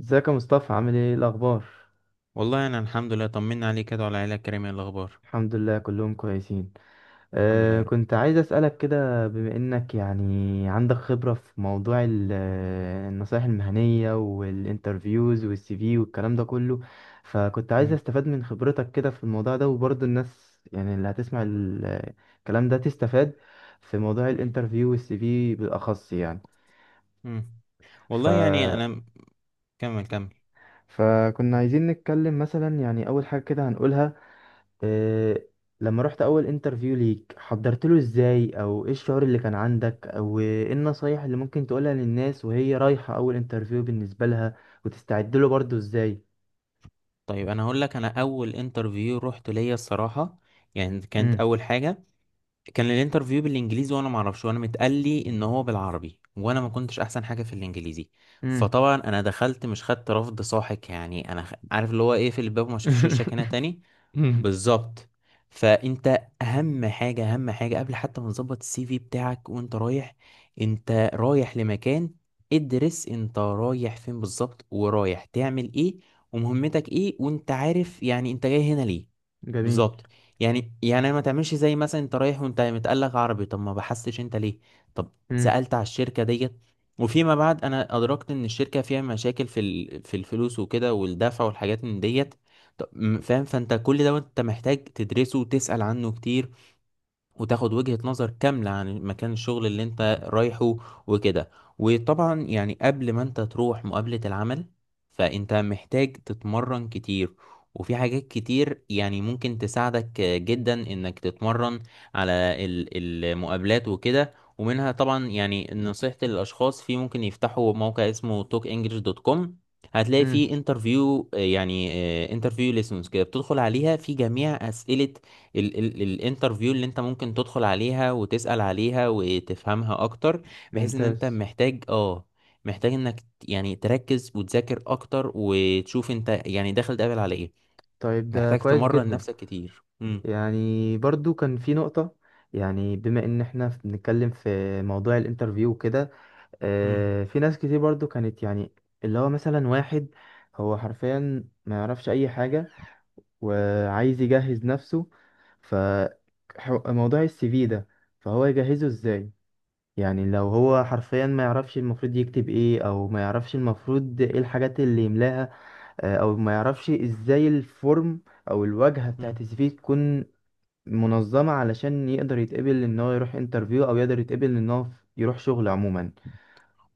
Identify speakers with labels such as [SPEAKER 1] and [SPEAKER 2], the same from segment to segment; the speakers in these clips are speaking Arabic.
[SPEAKER 1] ازيك يا مصطفى؟ عامل ايه؟ إيه الاخبار؟
[SPEAKER 2] والله انا الحمد لله، طمنا عليك كده وعلى العيله الكريمه. إيه الاخبار؟
[SPEAKER 1] الحمد لله كلهم كويسين.
[SPEAKER 2] الحمد لله يا رب.
[SPEAKER 1] كنت عايز اسالك كده بما انك يعني عندك خبره في موضوع النصائح المهنيه والانترفيوز والسي في والكلام ده كله. فكنت عايز
[SPEAKER 2] مم.
[SPEAKER 1] استفاد من خبرتك كده في الموضوع ده، وبرضه الناس يعني اللي هتسمع الكلام ده تستفاد في موضوع
[SPEAKER 2] مم.
[SPEAKER 1] الانترفيو والسي في بالاخص يعني.
[SPEAKER 2] مم.
[SPEAKER 1] ف
[SPEAKER 2] والله يعني انا كمل كمل.
[SPEAKER 1] فكنا
[SPEAKER 2] مم.
[SPEAKER 1] عايزين نتكلم مثلا يعني اول حاجه كده هنقولها إيه: لما رحت اول انترفيو ليك حضرت له ازاي، او ايه الشعور اللي كان عندك، او ايه النصايح اللي ممكن تقولها للناس وهي رايحة اول انترفيو بالنسبة لها، وتستعد له برضه ازاي؟
[SPEAKER 2] طيب انا هقول لك، انا اول انترفيو رحت ليا الصراحه، يعني كانت
[SPEAKER 1] امم.
[SPEAKER 2] اول حاجه، كان الانترفيو بالانجليزي وانا ما اعرفش، وانا متقال لي ان هو بالعربي، وانا ما كنتش احسن حاجه في الانجليزي.
[SPEAKER 1] امم.
[SPEAKER 2] فطبعا انا دخلت مش خدت رفض ساحق، يعني انا عارف اللي هو ايه؟ في الباب ما شافش وشك هنا تاني. بالظبط. فانت اهم حاجه، اهم حاجه قبل حتى ما تظبط السي في بتاعك وانت رايح، انت رايح لمكان، ادرس انت رايح فين بالظبط، ورايح تعمل ايه، ومهمتك ايه، وانت عارف يعني انت جاي هنا ليه.
[SPEAKER 1] جميل.
[SPEAKER 2] بالظبط. يعني ما تعملش زي مثلا انت رايح وانت متقلق عربي، طب ما بحثتش انت ليه؟ طب
[SPEAKER 1] امم.
[SPEAKER 2] سألت على الشركة ديت؟ وفيما بعد انا ادركت ان الشركة فيها مشاكل في الفلوس وكده، والدفع والحاجات من ديت. طب فاهم. فانت كل ده انت محتاج تدرسه وتسأل عنه كتير، وتاخد وجهة نظر كاملة عن مكان الشغل اللي انت رايحه وكده. وطبعا يعني قبل ما انت تروح مقابلة العمل، فانت محتاج تتمرن كتير. وفي حاجات كتير يعني ممكن تساعدك جدا انك تتمرن على المقابلات وكده، ومنها طبعا يعني نصيحتي للاشخاص، في ممكن يفتحوا موقع اسمه talkenglish.com. هتلاقي
[SPEAKER 1] امم.
[SPEAKER 2] فيه انترفيو، يعني انترفيو ليسنس كده، بتدخل عليها في جميع اسئلة ال ال الانترفيو اللي انت ممكن تدخل عليها وتسأل عليها وتفهمها اكتر. بحيث ان انت
[SPEAKER 1] ممتاز.
[SPEAKER 2] محتاج انك يعني تركز وتذاكر اكتر، وتشوف انت يعني داخل تقابل على ايه.
[SPEAKER 1] طيب، ده
[SPEAKER 2] محتاج
[SPEAKER 1] كويس
[SPEAKER 2] تمرن
[SPEAKER 1] جدا.
[SPEAKER 2] نفسك كتير. امم.
[SPEAKER 1] يعني برضو كان في نقطة، يعني بما ان احنا بنتكلم في موضوع الانترفيو كده،
[SPEAKER 2] امم.
[SPEAKER 1] في ناس كتير برضو كانت يعني اللي هو مثلا واحد. هو حرفيا ما يعرفش اي حاجة وعايز يجهز نفسه. ف موضوع السي في ده، فهو يجهزه ازاي؟ يعني لو هو حرفيا ما يعرفش المفروض يكتب ايه، او ما يعرفش المفروض ايه الحاجات اللي يملاها، او ما يعرفش ازاي الفورم او الواجهة بتاعت السي
[SPEAKER 2] إمم.
[SPEAKER 1] في تكون منظمة، علشان يقدر يتقبل ان هو يروح انترفيو او يقدر يتقبل ان هو يروح شغل عموما.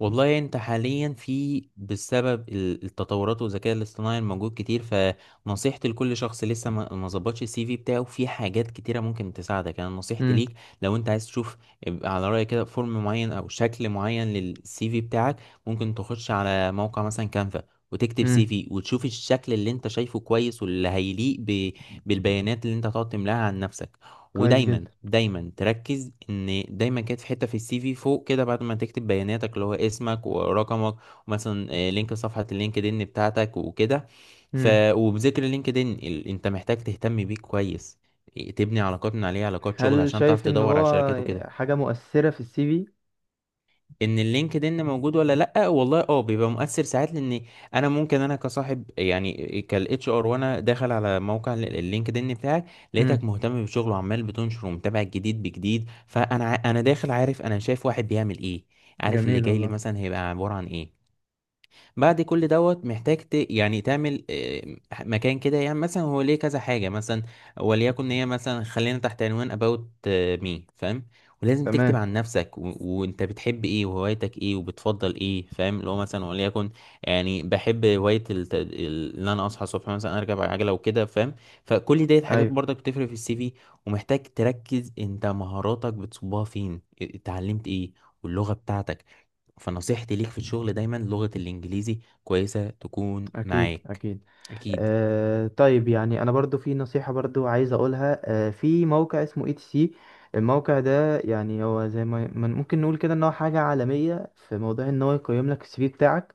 [SPEAKER 2] والله انت حاليا في بسبب التطورات والذكاء الاصطناعي الموجود كتير، فنصيحتي لكل شخص لسه ما ظبطش السي في بتاعه، في حاجات كتيرة ممكن تساعدك. انا نصيحتي ليك، لو انت عايز تشوف، يبقى على رأيك كده فورم معين او شكل معين للسي في بتاعك، ممكن تخش على موقع مثلا كانفا، وتكتب سي
[SPEAKER 1] مم.
[SPEAKER 2] في وتشوف الشكل اللي انت شايفه كويس، واللي هيليق بالبيانات اللي انت هتقعد تملاها عن نفسك.
[SPEAKER 1] كويس
[SPEAKER 2] ودايما
[SPEAKER 1] جدا.
[SPEAKER 2] دايما تركز ان دايما كانت في حته في السي في فوق كده، بعد ما تكتب بياناتك اللي هو اسمك ورقمك ومثلا لينك صفحه اللينكدين بتاعتك وكده. ف
[SPEAKER 1] مم.
[SPEAKER 2] وبذكر اللينكدين، انت محتاج تهتم بيه كويس. تبني علاقات من عليه، علاقات شغل
[SPEAKER 1] هل
[SPEAKER 2] عشان تعرف
[SPEAKER 1] شايف ان
[SPEAKER 2] تدور على
[SPEAKER 1] هو
[SPEAKER 2] شركات وكده.
[SPEAKER 1] حاجة مؤثرة في السي في؟
[SPEAKER 2] ان اللينكد ان موجود ولا لا؟ والله بيبقى مؤثر ساعات، لان انا ممكن انا كصاحب، يعني كالاتش ار، وانا داخل على موقع اللينكد ان بتاعك، لقيتك
[SPEAKER 1] امم.
[SPEAKER 2] مهتم بشغله وعمال بتنشر ومتابع الجديد بجديد، فانا انا داخل عارف، انا شايف واحد بيعمل ايه، عارف اللي
[SPEAKER 1] جميل
[SPEAKER 2] جاي لي
[SPEAKER 1] والله.
[SPEAKER 2] مثلا هيبقى عبارة عن ايه. بعد كل دوت محتاج يعني تعمل مكان كده، يعني مثلا هو ليه كذا حاجة مثلا، وليكن هي مثلا خلينا تحت عنوان about me، فاهم؟ ولازم تكتب
[SPEAKER 1] تمام.
[SPEAKER 2] عن نفسك وانت بتحب ايه، وهوايتك ايه، وبتفضل ايه. فاهم؟ اللي هو مثلا وليكن، يعني بحب هواية ان انا اصحى الصبح مثلا اركب عجلة وكده، فاهم؟ فكل ديت حاجات
[SPEAKER 1] ايوه.
[SPEAKER 2] برضك بتفرق في السي في. ومحتاج تركز انت مهاراتك بتصبها فين، اتعلمت ايه، واللغة بتاعتك. فنصيحتي ليك في الشغل، دايما لغة الإنجليزي كويسة تكون
[SPEAKER 1] أكيد
[SPEAKER 2] معاك.
[SPEAKER 1] أكيد.
[SPEAKER 2] أكيد.
[SPEAKER 1] طيب، يعني أنا برضو في نصيحة برضو عايز أقولها. في موقع اسمه اي تي سي. الموقع ده يعني هو زي ما ممكن نقول كده إن هو حاجة عالمية في موضوع إن هو يقيم لك السي في بتاعك.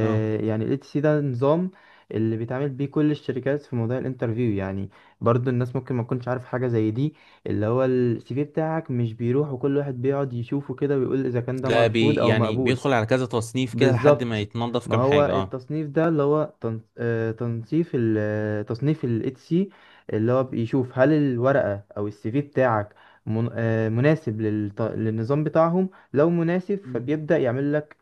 [SPEAKER 2] اه.
[SPEAKER 1] يعني الاي تي سي ده نظام اللي بيتعامل بيه كل الشركات في موضوع الانترفيو يعني. برضو الناس ممكن ما تكونش عارف حاجة زي دي، اللي هو السي في بتاعك مش بيروح وكل واحد بيقعد يشوفه كده ويقول إذا كان ده
[SPEAKER 2] ده
[SPEAKER 1] مرفوض أو
[SPEAKER 2] يعني
[SPEAKER 1] مقبول.
[SPEAKER 2] بيدخل على كذا تصنيف كده لحد ما
[SPEAKER 1] بالظبط.
[SPEAKER 2] يتنضف
[SPEAKER 1] ما
[SPEAKER 2] كام
[SPEAKER 1] هو
[SPEAKER 2] حاجة، اه.
[SPEAKER 1] التصنيف ده اللي هو تن- آه، تنصيف ال- آه، تصنيف ال HC، اللي هو بيشوف هل الورقة أو السي في بتاعك مناسب للنظام بتاعهم. لو مناسب،
[SPEAKER 2] مم.
[SPEAKER 1] فبيبدأ يعمل لك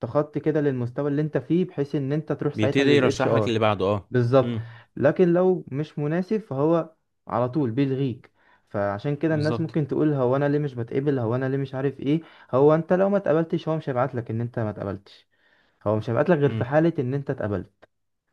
[SPEAKER 1] تخطي كده للمستوى اللي انت فيه، بحيث ان انت تروح ساعتها
[SPEAKER 2] بيبتدي
[SPEAKER 1] لل
[SPEAKER 2] يرشح لك
[SPEAKER 1] HR.
[SPEAKER 2] اللي بعده، اه.
[SPEAKER 1] بالظبط.
[SPEAKER 2] امم.
[SPEAKER 1] لكن لو مش مناسب، فهو على طول بيلغيك. فعشان كده الناس
[SPEAKER 2] بالظبط.
[SPEAKER 1] ممكن تقول: هو انا ليه مش بتقبل، هو انا ليه مش عارف ايه. هو انت لو ما اتقبلتش، هو مش هيبعت لك ان انت ما اتقبلتش. هو مش هيبعت لك غير في
[SPEAKER 2] امم.
[SPEAKER 1] حالة ان انت اتقبلت،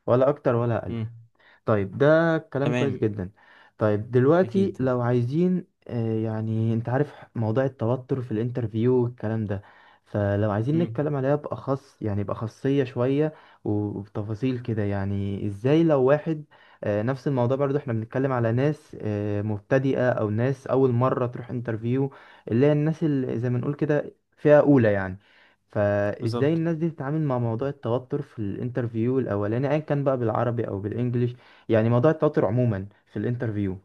[SPEAKER 1] ولا اكتر ولا اقل.
[SPEAKER 2] امم.
[SPEAKER 1] طيب، ده كلام كويس
[SPEAKER 2] تمام.
[SPEAKER 1] جدا. طيب دلوقتي
[SPEAKER 2] أكيد.
[SPEAKER 1] لو عايزين، يعني انت عارف موضوع التوتر في الانترفيو والكلام ده. فلو عايزين
[SPEAKER 2] امم.
[SPEAKER 1] نتكلم عليها بأخص، يعني بأخصية شوية وبتفاصيل كده، يعني ازاي لو واحد، نفس الموضوع برضو احنا بنتكلم على ناس مبتدئة او ناس اول مرة تروح انترفيو. اللي هي الناس اللي زي ما نقول كده فئة اولى يعني. فازاي
[SPEAKER 2] بالظبط.
[SPEAKER 1] الناس دي تتعامل مع موضوع التوتر في الانترفيو الاولاني، ايا كان بقى بالعربي او بالانجليش، يعني موضوع التوتر عموما في الانترفيو؟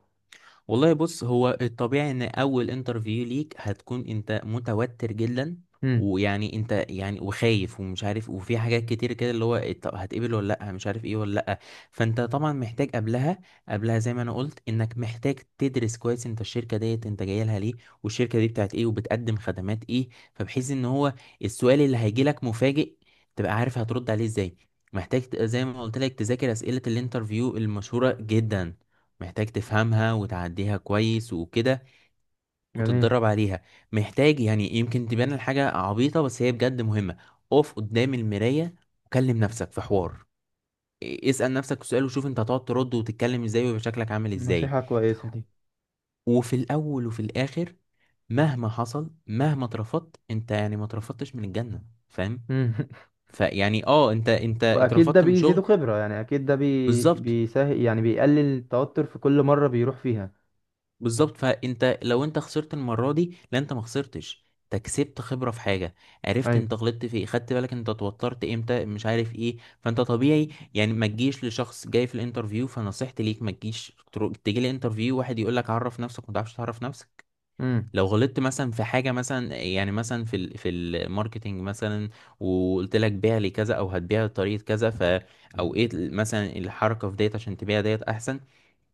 [SPEAKER 2] والله بص، هو الطبيعي ان اول انترفيو ليك هتكون انت متوتر جدا،
[SPEAKER 1] امم.
[SPEAKER 2] ويعني انت يعني وخايف ومش عارف، وفي حاجات كتير كده، اللي هو إيه، طب هتقبل ولا لا، مش عارف ايه ولا لا. فانت طبعا محتاج قبلها، زي ما انا قلت، انك محتاج تدرس كويس انت الشركة ديت، انت جاي لها ليه، والشركة دي بتاعت ايه، وبتقدم خدمات ايه. فبحيث ان هو السؤال اللي هيجي لك مفاجئ، تبقى عارف هترد عليه ازاي. محتاج زي ما قلت لك، تذاكر اسئلة الانترفيو المشهورة جدا، محتاج تفهمها وتعديها كويس وكده،
[SPEAKER 1] جميل.
[SPEAKER 2] وتتدرب عليها. محتاج، يعني يمكن تبان الحاجة عبيطة بس هي بجد مهمة، اقف قدام المراية، وكلم نفسك في حوار. اسأل نفسك سؤال، وشوف انت هتقعد ترد وتتكلم ازاي، ويبقى شكلك عامل ازاي.
[SPEAKER 1] نصيحة كويسة دي.
[SPEAKER 2] وفي الاول وفي الاخر، مهما حصل، مهما اترفضت انت، يعني ما اترفضتش من الجنة، فاهم؟
[SPEAKER 1] امم.
[SPEAKER 2] فيعني انت
[SPEAKER 1] واكيد ده
[SPEAKER 2] اترفضت من
[SPEAKER 1] بيزيده
[SPEAKER 2] شغل.
[SPEAKER 1] خبرة، يعني اكيد ده
[SPEAKER 2] بالظبط،
[SPEAKER 1] بيسهل، يعني بيقلل التوتر في كل مرة بيروح فيها.
[SPEAKER 2] بالظبط. فانت لو انت خسرت المره دي، لا انت ما خسرتش، انت كسبت خبره في حاجه، عرفت
[SPEAKER 1] ايوه.
[SPEAKER 2] انت غلطت في ايه، خدت بالك انت اتوترت امتى، مش عارف ايه، فانت طبيعي. يعني ما تجيش لشخص جاي في الانترفيو، فنصيحتي ليك ما تجيش تيجي لي انترفيو، واحد يقول لك عرف نفسك ما تعرفش تعرف نفسك.
[SPEAKER 1] امم.
[SPEAKER 2] لو غلطت مثلا في حاجه مثلا، يعني مثلا في الماركتنج مثلا، وقلت لك بيع لي كذا، او هتبيع بطريقه كذا، او ايه مثلا الحركه في ديت عشان تبيع ديت احسن،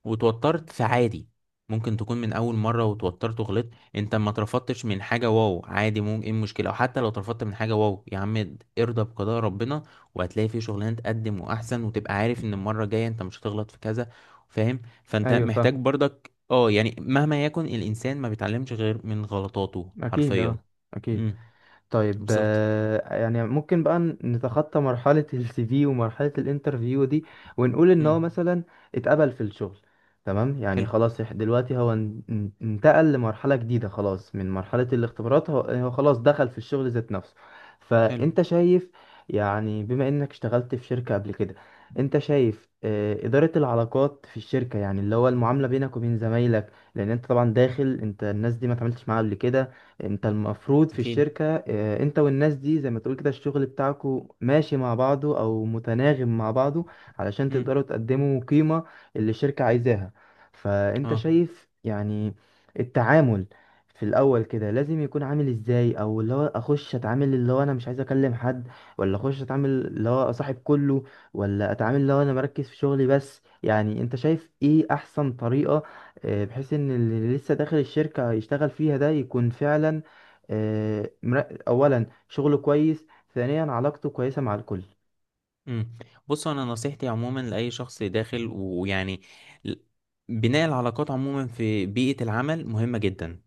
[SPEAKER 2] وتوترت، فعادي. ممكن تكون من اول مره وتوترت وغلطت. انت ما اترفضتش من حاجه، واو عادي، ممكن ايه المشكله، او حتى لو اترفضت من حاجه، واو يا عم ارضى بقضاء ربنا، وهتلاقي في شغلانه تقدم واحسن، وتبقى عارف ان المره الجايه انت مش هتغلط في كذا. فاهم؟ فانت
[SPEAKER 1] ايوه فاهم.
[SPEAKER 2] محتاج برضك يعني مهما يكن الانسان، ما بيتعلمش غير من غلطاته
[SPEAKER 1] اكيد
[SPEAKER 2] حرفيا.
[SPEAKER 1] اه اكيد.
[SPEAKER 2] امم.
[SPEAKER 1] طيب،
[SPEAKER 2] بالظبط.
[SPEAKER 1] يعني ممكن بقى نتخطى مرحلة السي في ومرحلة الانترفيو دي ونقول ان هو
[SPEAKER 2] امم.
[SPEAKER 1] مثلا اتقبل في الشغل. تمام، يعني
[SPEAKER 2] حلو.
[SPEAKER 1] خلاص. دلوقتي هو انتقل لمرحلة جديدة، خلاص من مرحلة الاختبارات، هو خلاص دخل في الشغل ذات نفسه.
[SPEAKER 2] حلو.
[SPEAKER 1] فانت شايف، يعني بما انك اشتغلت في شركة قبل كده، انت شايف إدارة العلاقات في الشركة، يعني اللي هو المعاملة بينك وبين زمايلك. لأن انت طبعا داخل، انت الناس دي ما اتعاملتش معاها قبل كده. انت المفروض في
[SPEAKER 2] اكيد.
[SPEAKER 1] الشركة، انت والناس دي زي ما تقول كده الشغل بتاعكو ماشي مع بعضه او متناغم مع بعضه. علشان
[SPEAKER 2] امم.
[SPEAKER 1] تقدروا تقدموا قيمة اللي الشركة عايزاها. فانت
[SPEAKER 2] اه.
[SPEAKER 1] شايف يعني التعامل في الاول كده لازم يكون عامل ازاي، او اللي هو اخش اتعامل اللي هو انا مش عايز اكلم حد، ولا اخش اتعامل اللي هو اصاحب كله، ولا اتعامل اللي هو انا مركز في شغلي بس؟ يعني انت شايف ايه احسن طريقة، بحيث ان اللي لسه داخل الشركة يشتغل فيها ده يكون فعلا، اولا شغله كويس، ثانيا علاقته كويسة مع الكل.
[SPEAKER 2] امم. بص، انا نصيحتي عموما لاي شخص داخل، ويعني ل- بناء العلاقات عموما في بيئة العمل مهمة جدا.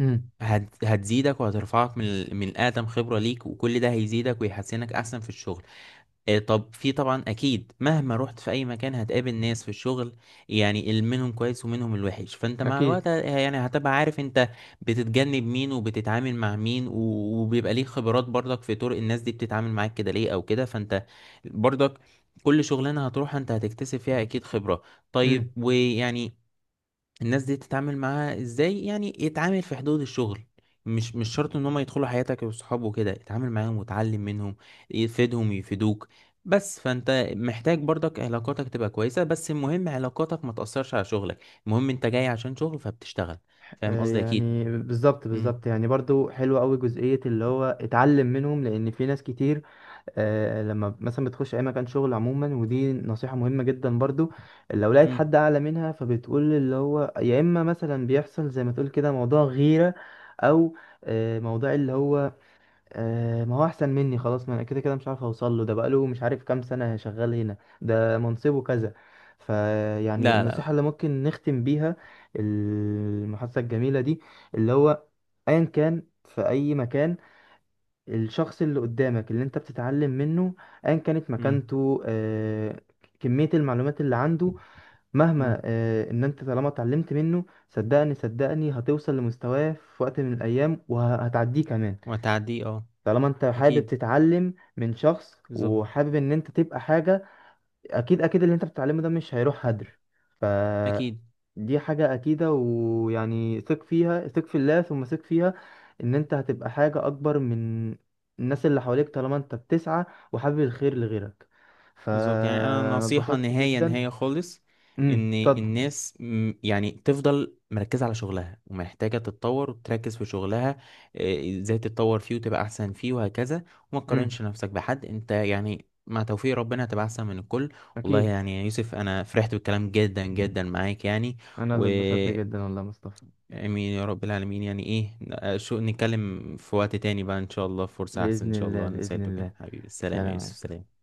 [SPEAKER 1] امم.
[SPEAKER 2] هتزيدك وهترفعك من الادم خبرة ليك، وكل ده هيزيدك ويحسنك احسن في الشغل. طب في طبعا اكيد مهما رحت في اي مكان هتقابل ناس في الشغل، يعني منهم كويس ومنهم الوحش، فانت مع الوقت
[SPEAKER 1] اكيد.
[SPEAKER 2] يعني هتبقى عارف انت بتتجنب مين وبتتعامل مع مين، وبيبقى ليك خبرات برضك في طرق الناس دي بتتعامل معاك كده ليه او كده. فانت برضك كل شغلانة هتروح انت هتكتسب فيها اكيد خبرة. طيب،
[SPEAKER 1] امم.
[SPEAKER 2] ويعني الناس دي تتعامل معاها ازاي، يعني يتعامل في حدود الشغل، مش شرط ان هم يدخلوا حياتك وصحابه وكده، اتعامل معاهم وتعلم منهم، يفيدهم يفيدوك. بس فانت محتاج برضك علاقاتك تبقى كويسة، بس المهم علاقاتك ما تأثرش على شغلك، المهم انت جاي عشان شغل فبتشتغل. فاهم قصدي؟ اكيد.
[SPEAKER 1] يعني بالظبط
[SPEAKER 2] امم.
[SPEAKER 1] بالظبط، يعني برضو حلوة قوي جزئية اللي هو اتعلم منهم، لان في ناس كتير لما مثلا بتخش اي مكان شغل عموما، ودي نصيحة مهمة جدا برضو. لو لقيت
[SPEAKER 2] امم.
[SPEAKER 1] حد اعلى منها، فبتقول اللي هو: يا اما مثلا بيحصل زي ما تقول كده موضوع غيرة، او موضوع اللي هو ما هو احسن مني، خلاص ما انا كده كده مش عارف اوصل له، ده بقاله مش عارف كام سنة شغال هنا، ده منصبه كذا. فيعني
[SPEAKER 2] لا، لا،
[SPEAKER 1] النصيحة
[SPEAKER 2] لا.
[SPEAKER 1] اللي ممكن نختم بيها المحادثة الجميلة دي اللي هو: ايا كان في اي مكان، الشخص اللي قدامك اللي انت بتتعلم منه، ايا كانت
[SPEAKER 2] امم.
[SPEAKER 1] مكانته، كمية المعلومات اللي عنده، مهما
[SPEAKER 2] امم.
[SPEAKER 1] ان انت طالما اتعلمت منه، صدقني صدقني هتوصل لمستواه في وقت من الايام وهتعديه كمان.
[SPEAKER 2] وهتعديه، اه.
[SPEAKER 1] طالما انت حابب
[SPEAKER 2] اكيد.
[SPEAKER 1] تتعلم من شخص
[SPEAKER 2] بالظبط.
[SPEAKER 1] وحابب ان انت تبقى حاجة، اكيد اكيد اللي انت بتتعلمه ده مش هيروح هدر. ف
[SPEAKER 2] اكيد.
[SPEAKER 1] دي حاجة أكيدة، ويعني ثق فيها، ثق في الله ثم ثق فيها. إن أنت هتبقى حاجة أكبر من الناس اللي حواليك طالما أنت بتسعى وحابب الخير لغيرك.
[SPEAKER 2] بالظبط. يعني انا
[SPEAKER 1] فأنا
[SPEAKER 2] نصيحة
[SPEAKER 1] اتبسطت
[SPEAKER 2] نهاية
[SPEAKER 1] جدا.
[SPEAKER 2] نهاية خالص،
[SPEAKER 1] امم.
[SPEAKER 2] ان
[SPEAKER 1] اتفضل.
[SPEAKER 2] الناس يعني تفضل مركزة على شغلها، ومحتاجة تتطور وتركز في شغلها، ازاي تتطور فيه وتبقى احسن فيه، وهكذا. وما
[SPEAKER 1] امم.
[SPEAKER 2] تقارنش نفسك بحد، انت يعني مع توفيق ربنا هتبقى احسن من الكل. والله
[SPEAKER 1] أكيد.
[SPEAKER 2] يعني يا يوسف، انا فرحت بالكلام جدا جدا معاك يعني.
[SPEAKER 1] أنا
[SPEAKER 2] و
[SPEAKER 1] اللي اتبسطت جدا والله يا مصطفى.
[SPEAKER 2] امين يا رب العالمين. يعني ايه، شو نتكلم في وقت تاني بقى، ان شاء الله فرصة احسن.
[SPEAKER 1] بإذن
[SPEAKER 2] ان شاء
[SPEAKER 1] الله
[SPEAKER 2] الله انا
[SPEAKER 1] بإذن
[SPEAKER 2] نسيته كده
[SPEAKER 1] الله.
[SPEAKER 2] حبيبي. السلام يا
[SPEAKER 1] سلام يا
[SPEAKER 2] يوسف.
[SPEAKER 1] مصطفى.
[SPEAKER 2] سلام.